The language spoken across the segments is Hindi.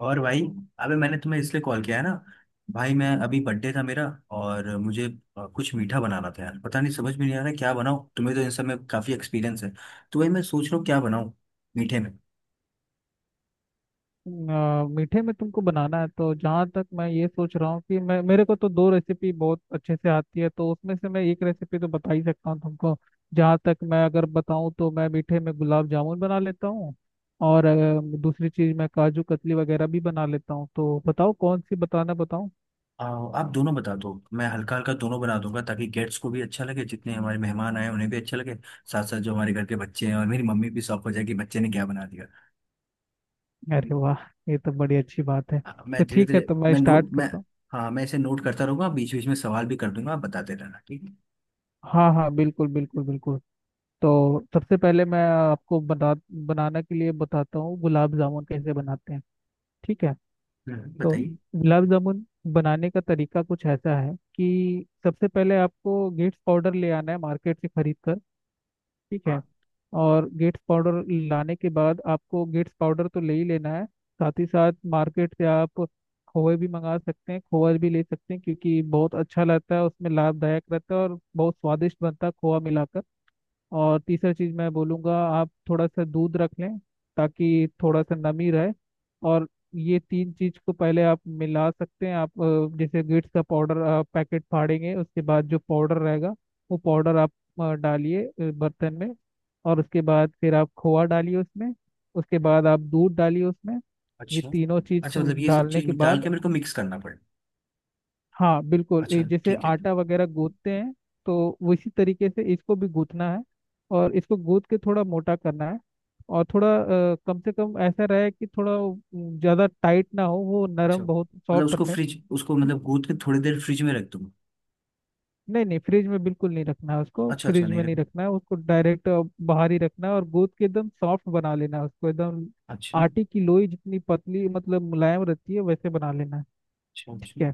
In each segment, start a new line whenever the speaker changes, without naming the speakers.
और भाई। अबे मैंने तुम्हें इसलिए कॉल किया है ना। भाई मैं अभी बर्थडे था मेरा। और मुझे कुछ मीठा बनाना था यार। पता नहीं समझ में नहीं आ रहा है क्या बनाऊँ। तुम्हें तो इन सब में काफ़ी एक्सपीरियंस है। तो भाई मैं सोच रहा हूँ क्या बनाऊँ मीठे में।
मीठे में तुमको बनाना है तो जहाँ तक मैं ये सोच रहा हूँ कि मैं मेरे को तो दो रेसिपी बहुत अच्छे से आती है, तो उसमें से मैं एक रेसिपी तो बता ही सकता हूँ तुमको। जहाँ तक मैं अगर बताऊँ तो मैं मीठे में गुलाब जामुन बना लेता हूँ। और दूसरी चीज़ मैं काजू कतली वगैरह भी बना लेता हूँ, तो बताओ कौन सी बताना बताऊँ।
आप दोनों बता दो, मैं हल्का हल्का दोनों बना दूंगा ताकि गेट्स को भी अच्छा लगे, जितने हमारे मेहमान आए उन्हें भी अच्छा लगे। साथ साथ जो हमारे घर के बच्चे हैं और मेरी मम्मी भी शौक हो जाए कि बच्चे ने क्या बना दिया।
अरे वाह! ये तो बड़ी अच्छी बात है।
हाँ,
तो
मैं धीरे
ठीक है,
धीरे
तो मैं
मैं
स्टार्ट
नोट मैं
करता हूँ।
हाँ, मैं इसे नोट करता रहूंगा, बीच बीच में सवाल भी कर दूंगा, आप बताते रहना ठीक है।
हाँ, हाँ, बिल्कुल, बिल्कुल, बिल्कुल। तो सबसे पहले मैं आपको बता बनाने के लिए बताता हूँ गुलाब जामुन कैसे बनाते हैं। ठीक है। तो
बताइए।
गुलाब जामुन बनाने का तरीका कुछ ऐसा है कि सबसे पहले आपको गेट्स पाउडर ले आना है मार्केट से खरीद कर। ठीक है। और गेट्स पाउडर लाने के बाद आपको गेट्स पाउडर तो ले ही लेना है। साथ ही साथ मार्केट से आप खोए भी मंगा सकते हैं, खोआ भी ले सकते हैं, क्योंकि बहुत अच्छा लगता है उसमें, लाभदायक रहता है और बहुत स्वादिष्ट बनता है खोआ मिलाकर। और तीसरा चीज मैं बोलूँगा, आप थोड़ा सा दूध रख लें ताकि थोड़ा सा नमी रहे। और ये तीन चीज को पहले आप मिला सकते हैं। आप जैसे गिट्स का पाउडर आप पैकेट फाड़ेंगे, उसके बाद जो पाउडर रहेगा वो पाउडर आप डालिए बर्तन में। और उसके बाद फिर आप खोआ डालिए उसमें। उसके बाद आप दूध डालिए उसमें। ये
अच्छा
तीनों चीज
अच्छा,
को
मतलब ये सब
डालने
चीज
के
डाल
बाद,
के मेरे को मिक्स करना पड़े।
हाँ बिल्कुल, ये
अच्छा
जैसे
ठीक है।
आटा वगैरह गूंथते हैं तो उसी तरीके से इसको भी गूंथना है। और इसको गूंथ के थोड़ा मोटा करना है। और थोड़ा कम से कम ऐसा रहे कि थोड़ा ज्यादा टाइट ना हो, वो
अच्छा,
नरम बहुत
मतलब
सॉफ्ट
उसको
रहे।
फ्रिज, उसको मतलब गूंथ के थोड़ी देर फ्रिज में रख दूंगा।
नहीं, नहीं, फ्रिज में बिल्कुल नहीं रखना है उसको,
अच्छा अच्छा,
फ्रिज
नहीं
में
रख।
नहीं रखना है उसको, डायरेक्ट बाहर ही रखना है, और गूंथ के एकदम सॉफ्ट बना लेना है उसको, एकदम।
अच्छा।
आटे की लोई जितनी पतली मतलब मुलायम रहती है वैसे बना लेना है।
अच्छा अच्छा।
ठीक है।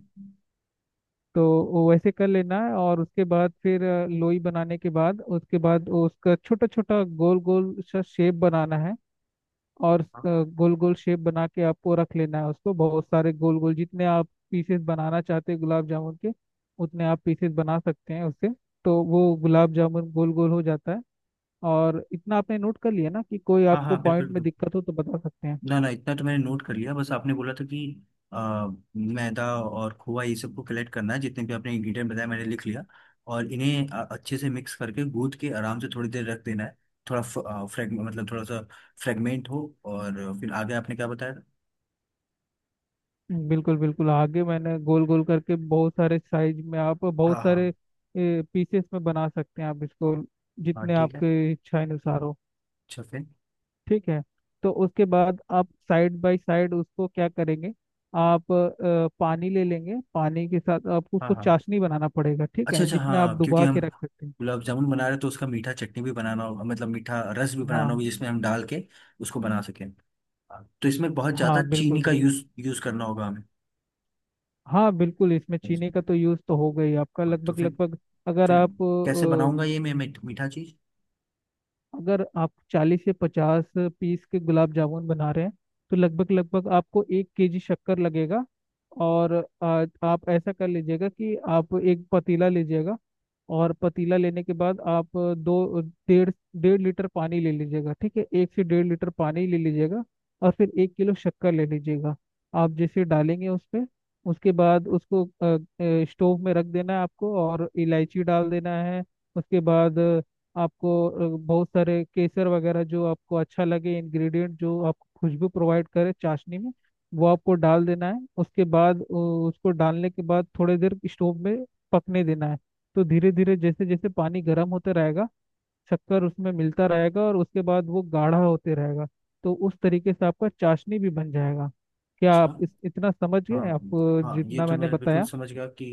तो वो वैसे कर लेना है, और उसके बाद फिर लोई बनाने के बाद उसके बाद वो उसका छोटा छोटा गोल गोल सा शेप बनाना है। और
हाँ।
गोल गोल शेप बना के आपको रख लेना है उसको, बहुत सारे गोल गोल, जितने आप पीसेस बनाना चाहते हैं गुलाब जामुन के, उतने आप पीसेस बना सकते हैं उससे। तो वो गुलाब जामुन गोल गोल हो जाता है। और इतना आपने नोट कर लिया ना, कि कोई
हाँ
आपको
हाँ, बिल्कुल
पॉइंट में
बिल्कुल।
दिक्कत हो तो बता सकते हैं।
ना ना, इतना तो मैंने नोट कर लिया। बस आपने बोला था कि आ, मैदा और खोआ, ये सबको कलेक्ट करना है, जितने भी आपने इंग्रेडिएंट बताया मैंने लिख लिया। और इन्हें अच्छे से मिक्स करके गूंथ के आराम से थोड़ी देर रख देना है। थोड़ा फ्रेगमेंट, मतलब थोड़ा सा फ्रेगमेंट हो, और फिर आगे आपने क्या बताया था?
बिल्कुल, बिल्कुल, आगे मैंने गोल गोल करके बहुत सारे साइज में, आप बहुत
हाँ
सारे
हाँ।
पीसेस में बना सकते हैं आप इसको,
हाँ
जितने
ठीक है।
आपके इच्छा अनुसार हो।
अच्छा फिर।
ठीक है। तो उसके बाद आप साइड बाय साइड उसको क्या करेंगे, आप पानी ले लेंगे। पानी के साथ आपको
हाँ
उसको
हाँ।
चाशनी बनाना पड़ेगा, ठीक
अच्छा
है,
अच्छा,
जिसमें आप
हाँ, क्योंकि
डुबा
हम
के रख सकते हैं।
गुलाब जामुन बना रहे हैं तो उसका मीठा चटनी भी बनाना होगा, मतलब मीठा रस भी
हाँ,
बनाना होगा जिसमें हम डाल के उसको बना सकें। हाँ, तो इसमें बहुत ज़्यादा
हाँ, बिल्कुल,
चीनी का
बिल्कुल।
यूज यूज करना होगा हमें।
हाँ बिल्कुल, इसमें
हाँ,
चीनी का तो यूज़ तो हो गई आपका,
हाँ, तो
लगभग
फिर
लगभग। अगर
फिर
आप
कैसे बनाऊंगा ये मैं मीठा चीज़?
अगर आप 40 से 50 पीस के गुलाब जामुन बना रहे हैं, तो लगभग लगभग आपको 1 केजी शक्कर लगेगा। और आप ऐसा कर लीजिएगा कि आप एक पतीला लीजिएगा। और पतीला लेने के बाद आप दो डेढ़ डेढ़ लीटर पानी ले लीजिएगा, ठीक है, एक से डेढ़ लीटर पानी ले लीजिएगा। और फिर 1 किलो शक्कर ले लीजिएगा। आप जैसे डालेंगे उस पे, उसके बाद उसको स्टोव में रख देना है आपको, और इलायची डाल देना है। उसके बाद आपको बहुत सारे केसर वगैरह जो आपको अच्छा लगे, इंग्रेडिएंट जो आपको खुशबू प्रोवाइड करे चाशनी में, वो आपको डाल देना है। उसके बाद उसको डालने के बाद थोड़ी देर स्टोव में पकने देना है। तो धीरे धीरे जैसे जैसे पानी गर्म होता रहेगा, शक्कर उसमें मिलता रहेगा, और उसके बाद वो गाढ़ा होते रहेगा। तो उस तरीके से आपका चाशनी भी बन जाएगा। क्या
अच्छा।
आप इस इतना समझ
हाँ
गए आप,
हाँ, ये
जितना
तो
मैंने
मैं बिल्कुल
बताया?
समझ गया कि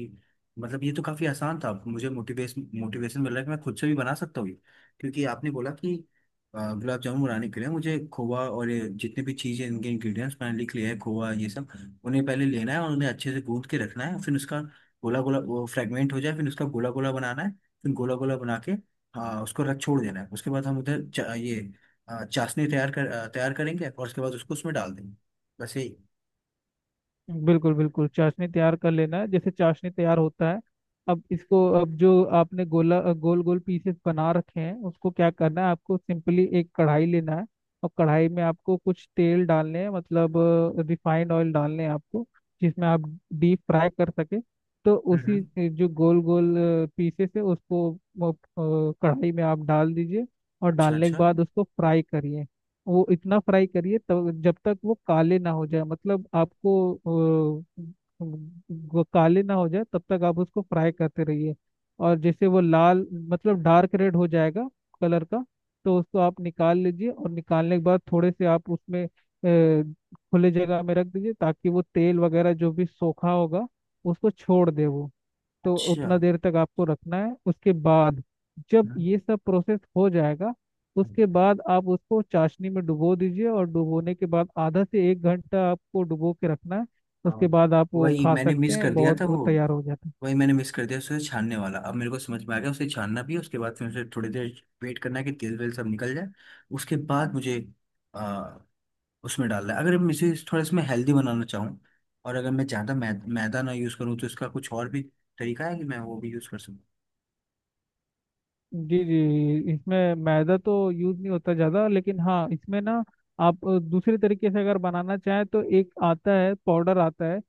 मतलब ये तो काफ़ी आसान था। मुझे मोटिवेशन मोटिवेशन मिल रहा है कि मैं खुद से भी बना सकता हूँ ये। क्योंकि आपने बोला कि गुलाब जामुन बनाने के लिए मुझे खोवा और ये जितने भी चीज़ें, इनके इंग्रेडिएंट्स मैंने लिख लिए हैं, खोवा ये सब। उन्हें पहले लेना है और उन्हें अच्छे से गूंद के रखना है, फिर उसका गोला गोला वो फ्रेगमेंट हो जाए, फिर उसका गोला गोला बनाना है। फिर गोला गोला बना के, हाँ, उसको रख छोड़ देना है। उसके बाद हम उधर ये चाशनी तैयार करेंगे और उसके बाद उसको उसमें डाल देंगे, वैसे ही।
बिल्कुल, बिल्कुल, चाशनी तैयार कर लेना है, जैसे चाशनी तैयार होता है। अब इसको, अब जो आपने गोला गोल गोल पीसेस बना रखे हैं, उसको क्या करना है, आपको सिंपली एक कढ़ाई लेना है। और कढ़ाई में आपको कुछ तेल डालने हैं, मतलब रिफाइंड ऑयल डालने हैं आपको, जिसमें आप डीप फ्राई कर सके। तो उसी
हम्म।
जो गोल गोल पीसेस है उसको कढ़ाई में आप डाल दीजिए। और
अच्छा
डालने के
अच्छा
बाद उसको फ्राई करिए। वो इतना फ्राई करिए तब, जब तक वो काले ना हो जाए, मतलब आपको अ, वो काले ना हो जाए तब तक आप उसको फ्राई करते रहिए। और जैसे वो लाल मतलब डार्क रेड हो जाएगा कलर का, तो उसको आप निकाल लीजिए, और निकालने के बाद थोड़े से आप उसमें खुले जगह में रख दीजिए, ताकि वो तेल वगैरह जो भी सोखा होगा उसको छोड़ दे वो। तो
अच्छा।
उतना देर तक आपको रखना है, उसके बाद जब ये सब प्रोसेस हो जाएगा, उसके बाद आप उसको चाशनी में डुबो दीजिए, और डुबोने के बाद आधा से 1 घंटा आपको डुबो के रखना है।
हाँ,
उसके बाद आप वो
वही
खा
मैंने
सकते
मिस कर
हैं,
दिया था
बहुत वो
वो।
तैयार हो जाता है।
वही मैंने मिस कर दिया, उसे छानने वाला, अब मेरे को समझ में आ गया। उसे छानना भी है, उसके बाद फिर उसे थोड़ी देर वेट करना है कि तेल वेल सब निकल जाए। उसके बाद मुझे आ, उसमें डालना है, अगर मैं इसे थोड़ा इसमें हेल्दी बनाना चाहूँ। और अगर मैं ज़्यादा मैदा ना यूज़ करूँ तो इसका कुछ और भी तरीका है कि मैं वो भी यूज़ कर सकूँ।
जी, जी, इसमें मैदा तो यूज नहीं होता ज़्यादा, लेकिन हाँ इसमें ना, आप दूसरे तरीके से अगर बनाना चाहें तो एक आता है पाउडर, आता है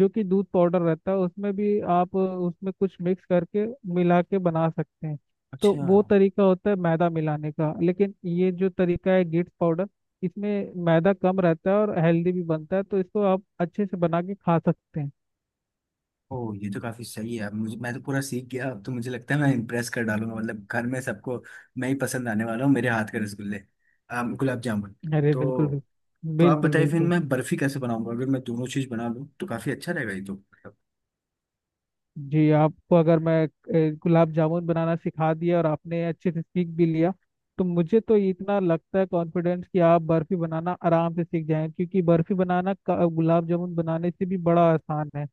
जो कि दूध पाउडर रहता है, उसमें भी आप उसमें कुछ मिक्स करके मिला के बना सकते हैं। तो
अच्छा।
वो तरीका होता है मैदा मिलाने का, लेकिन ये जो तरीका है गिट्स पाउडर, इसमें मैदा कम रहता है और हेल्दी भी बनता है, तो इसको आप अच्छे से बना के खा सकते हैं।
ओह, ये तो काफी सही है। अब मुझे, मैं तो पूरा सीख गया। अब तो मुझे लगता है मैं इम्प्रेस कर डालूंगा, मतलब घर में सबको। मैं ही पसंद आने वाला हूँ, मेरे हाथ के रसगुल्ले, गुलाब जामुन।
अरे, बिल्कुल,
तो
बिल्कुल,
तो आप
बिल्कुल,
बताइए फिर
बिल्कुल।
मैं बर्फी कैसे बनाऊंगा? अगर मैं दोनों चीज बना लूँ तो काफी अच्छा रहेगा ये, तो मतलब।
जी आपको अगर मैं गुलाब जामुन बनाना सिखा दिया और आपने अच्छे से सीख भी लिया, तो मुझे तो इतना लगता है कॉन्फिडेंस, कि आप बर्फी बनाना आराम से सीख जाएं, क्योंकि गुलाब जामुन बनाने से भी बड़ा आसान है।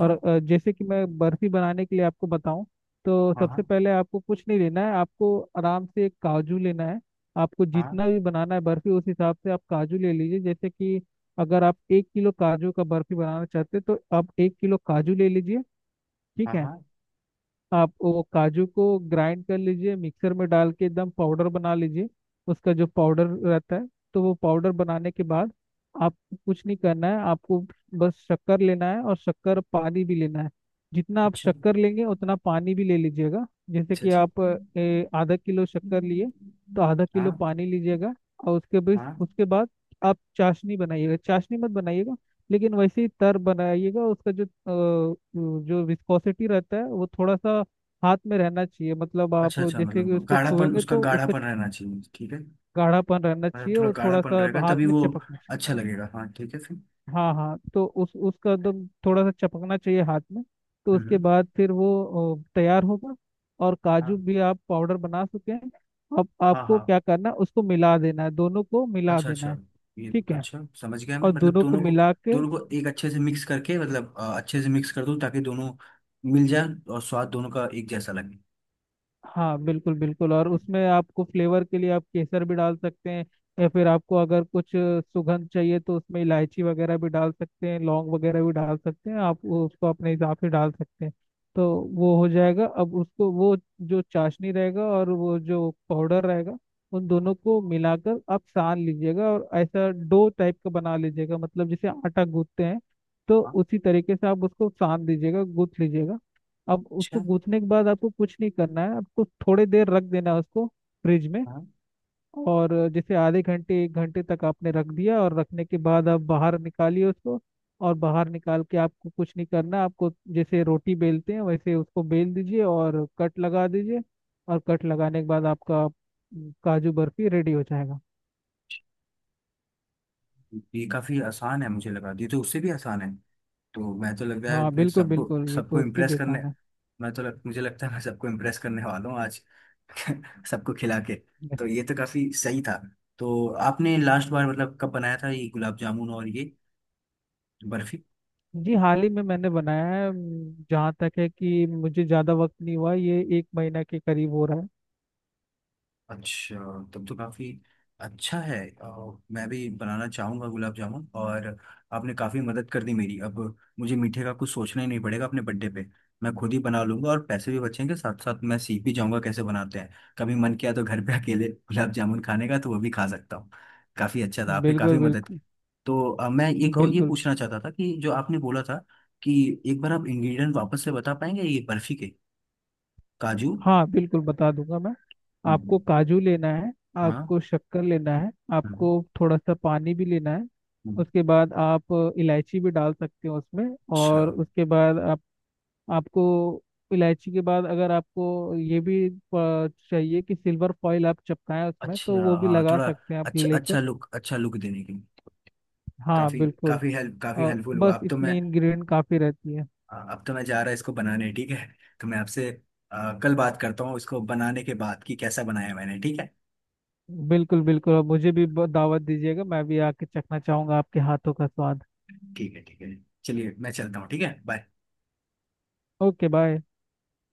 और जैसे कि मैं बर्फी बनाने के लिए आपको बताऊं, तो
हाँ हाँ।
सबसे पहले आपको कुछ नहीं लेना है, आपको आराम से एक काजू लेना है। आपको
हाँ
जितना भी बनाना है बर्फी, उस हिसाब से आप काजू ले लीजिए, जैसे कि अगर आप 1 किलो काजू का बर्फी बनाना चाहते हैं, तो आप 1 किलो काजू ले लीजिए।
हाँ
ठीक है।
हाँ।
आप वो काजू को ग्राइंड कर लीजिए, मिक्सर में डाल के एकदम पाउडर बना लीजिए, उसका जो पाउडर रहता है। तो वो पाउडर बनाने के बाद आपको कुछ नहीं करना है, आपको बस शक्कर लेना है, और शक्कर पानी भी लेना है। जितना आप
अच्छा
शक्कर लेंगे उतना पानी भी ले लीजिएगा, जैसे
अच्छा
कि
जी।
आप आधा किलो शक्कर लिए तो आधा किलो
हाँ
पानी लीजिएगा। और उसके बाद
हाँ।
उसके बाद आप चाशनी बनाइएगा, चाशनी मत बनाइएगा लेकिन वैसे ही तर बनाइएगा उसका, जो जो विस्कोसिटी रहता है वो थोड़ा सा हाथ में रहना चाहिए, मतलब
अच्छा
आप
अच्छा,
जैसे कि
मतलब
उसको
गाढ़ापन,
छुएंगे
उसका
तो उसका
गाढ़ापन रहना चाहिए, ठीक है।
गाढ़ापन रहना
मतलब
चाहिए
थोड़ा
और थोड़ा
गाढ़ापन
सा
रहेगा
हाथ
तभी
में
वो
चपकना चाहिए।
अच्छा लगेगा, हाँ, ठीक है फिर।
हाँ, हाँ, तो उस उसका एकदम थोड़ा सा चपकना चाहिए हाथ में। तो उसके
हम्म।
बाद फिर वो तैयार होगा। और काजू
हाँ
भी आप पाउडर बना चुके हैं। अब
हाँ
आपको
हाँ।
क्या करना है, उसको मिला देना है, दोनों को मिला
अच्छा अच्छा,
देना है।
ये
ठीक है।
अच्छा समझ गया मैं,
और
मतलब
दोनों को
दोनों को।
मिला के,
दोनों को एक अच्छे से मिक्स करके, मतलब अच्छे से मिक्स कर दूं ताकि दोनों मिल जाए, और स्वाद दोनों का एक जैसा लगे।
हाँ बिल्कुल, बिल्कुल, और उसमें आपको फ्लेवर के लिए आप केसर भी डाल सकते हैं। या फिर आपको अगर कुछ सुगंध चाहिए तो उसमें इलायची वगैरह भी डाल सकते हैं, लौंग वगैरह भी डाल सकते हैं, आप वो उसको अपने हिसाब से डाल सकते हैं। तो वो हो जाएगा। अब उसको वो, जो चाशनी रहेगा और वो जो पाउडर रहेगा, उन दोनों को मिलाकर आप सान लीजिएगा, और ऐसा डो टाइप का बना लीजिएगा, मतलब जैसे आटा गूंथते हैं तो
हाँ,
उसी तरीके से आप उसको सान दीजिएगा, गूंथ लीजिएगा। अब उसको
अच्छा,
गूंथने के बाद आपको कुछ नहीं करना है, आपको थोड़ी देर रख देना है उसको फ्रिज में।
हाँ।
और जैसे आधे घंटे 1 घंटे तक आपने रख दिया, और रखने के बाद आप बाहर निकालिए उसको। और बाहर निकाल के आपको कुछ नहीं करना, आपको जैसे रोटी बेलते हैं वैसे उसको बेल दीजिए और कट लगा दीजिए। और कट लगाने के बाद आपका काजू बर्फी रेडी हो जाएगा।
ये काफी आसान है, मुझे लगा ये तो उससे भी आसान है। तो मैं तो लग रहा है
हाँ,
अपने
बिल्कुल,
सबको,
बिल्कुल, ये
सबको
तो उससे
इम्प्रेस
भी
करने।
आसान है।
मुझे लगता है मैं सबको इम्प्रेस करने वाला हूँ आज। सबको खिला के।
Yes.
तो ये तो काफी सही था। तो आपने लास्ट बार मतलब कब बनाया था, ये गुलाब जामुन और ये बर्फी?
जी हाल ही में मैंने बनाया है। जहाँ तक है कि मुझे ज़्यादा वक्त नहीं हुआ, ये एक महीना के करीब हो रहा है।
अच्छा, तब तो काफी अच्छा है। मैं भी बनाना चाहूंगा गुलाब जामुन, और आपने काफी मदद कर दी मेरी। अब मुझे मीठे का कुछ सोचना ही नहीं पड़ेगा अपने बर्थडे पे। मैं खुद ही बना लूंगा और पैसे भी बचेंगे, साथ साथ मैं सीख भी जाऊंगा कैसे बनाते हैं। कभी मन किया तो घर पे अकेले गुलाब जामुन खाने का, तो वो भी खा सकता हूँ। काफी अच्छा था, आपने काफी
बिल्कुल,
मदद की।
बिल्कुल,
तो मैं ये कहो ये
बिल्कुल।
पूछना चाहता था कि जो आपने बोला था कि एक बार आप इंग्रेडिएंट वापस से बता पाएंगे, ये बर्फी के काजू।
हाँ बिल्कुल, बता दूंगा मैं। आपको
हम्म।
काजू लेना है,
हाँ।
आपको शक्कर लेना है,
हम्म।
आपको थोड़ा सा पानी भी लेना है।
हम्म।
उसके बाद आप इलायची भी डाल सकते हो उसमें।
अच्छा।
और उसके बाद आप आपको इलायची के बाद, अगर आपको ये भी चाहिए कि सिल्वर फॉइल आप चिपकाएं उसमें, तो
अच्छा,
वो भी
हाँ,
लगा
थोड़ा।
सकते हैं आप
अच्छा,
लेकर।
अच्छा लुक देने के लिए।
हाँ
काफी।
बिल्कुल।
काफी हेल्प काफी
और
हेल्पफुल हुआ,
बस
अब तो मैं।
इतनी इंग्रेडिएंट काफ़ी रहती है।
अब तो मैं जा रहा इसको बनाने, ठीक है। तो मैं आपसे कल बात करता हूँ इसको बनाने के बाद कि कैसा बनाया मैंने, ठीक है।
बिल्कुल, बिल्कुल, और मुझे भी दावत दीजिएगा, मैं भी आके चखना चाहूंगा आपके हाथों का स्वाद।
ठीक है, ठीक है। चलिए मैं चलता हूँ, ठीक है, बाय।
Okay, bye.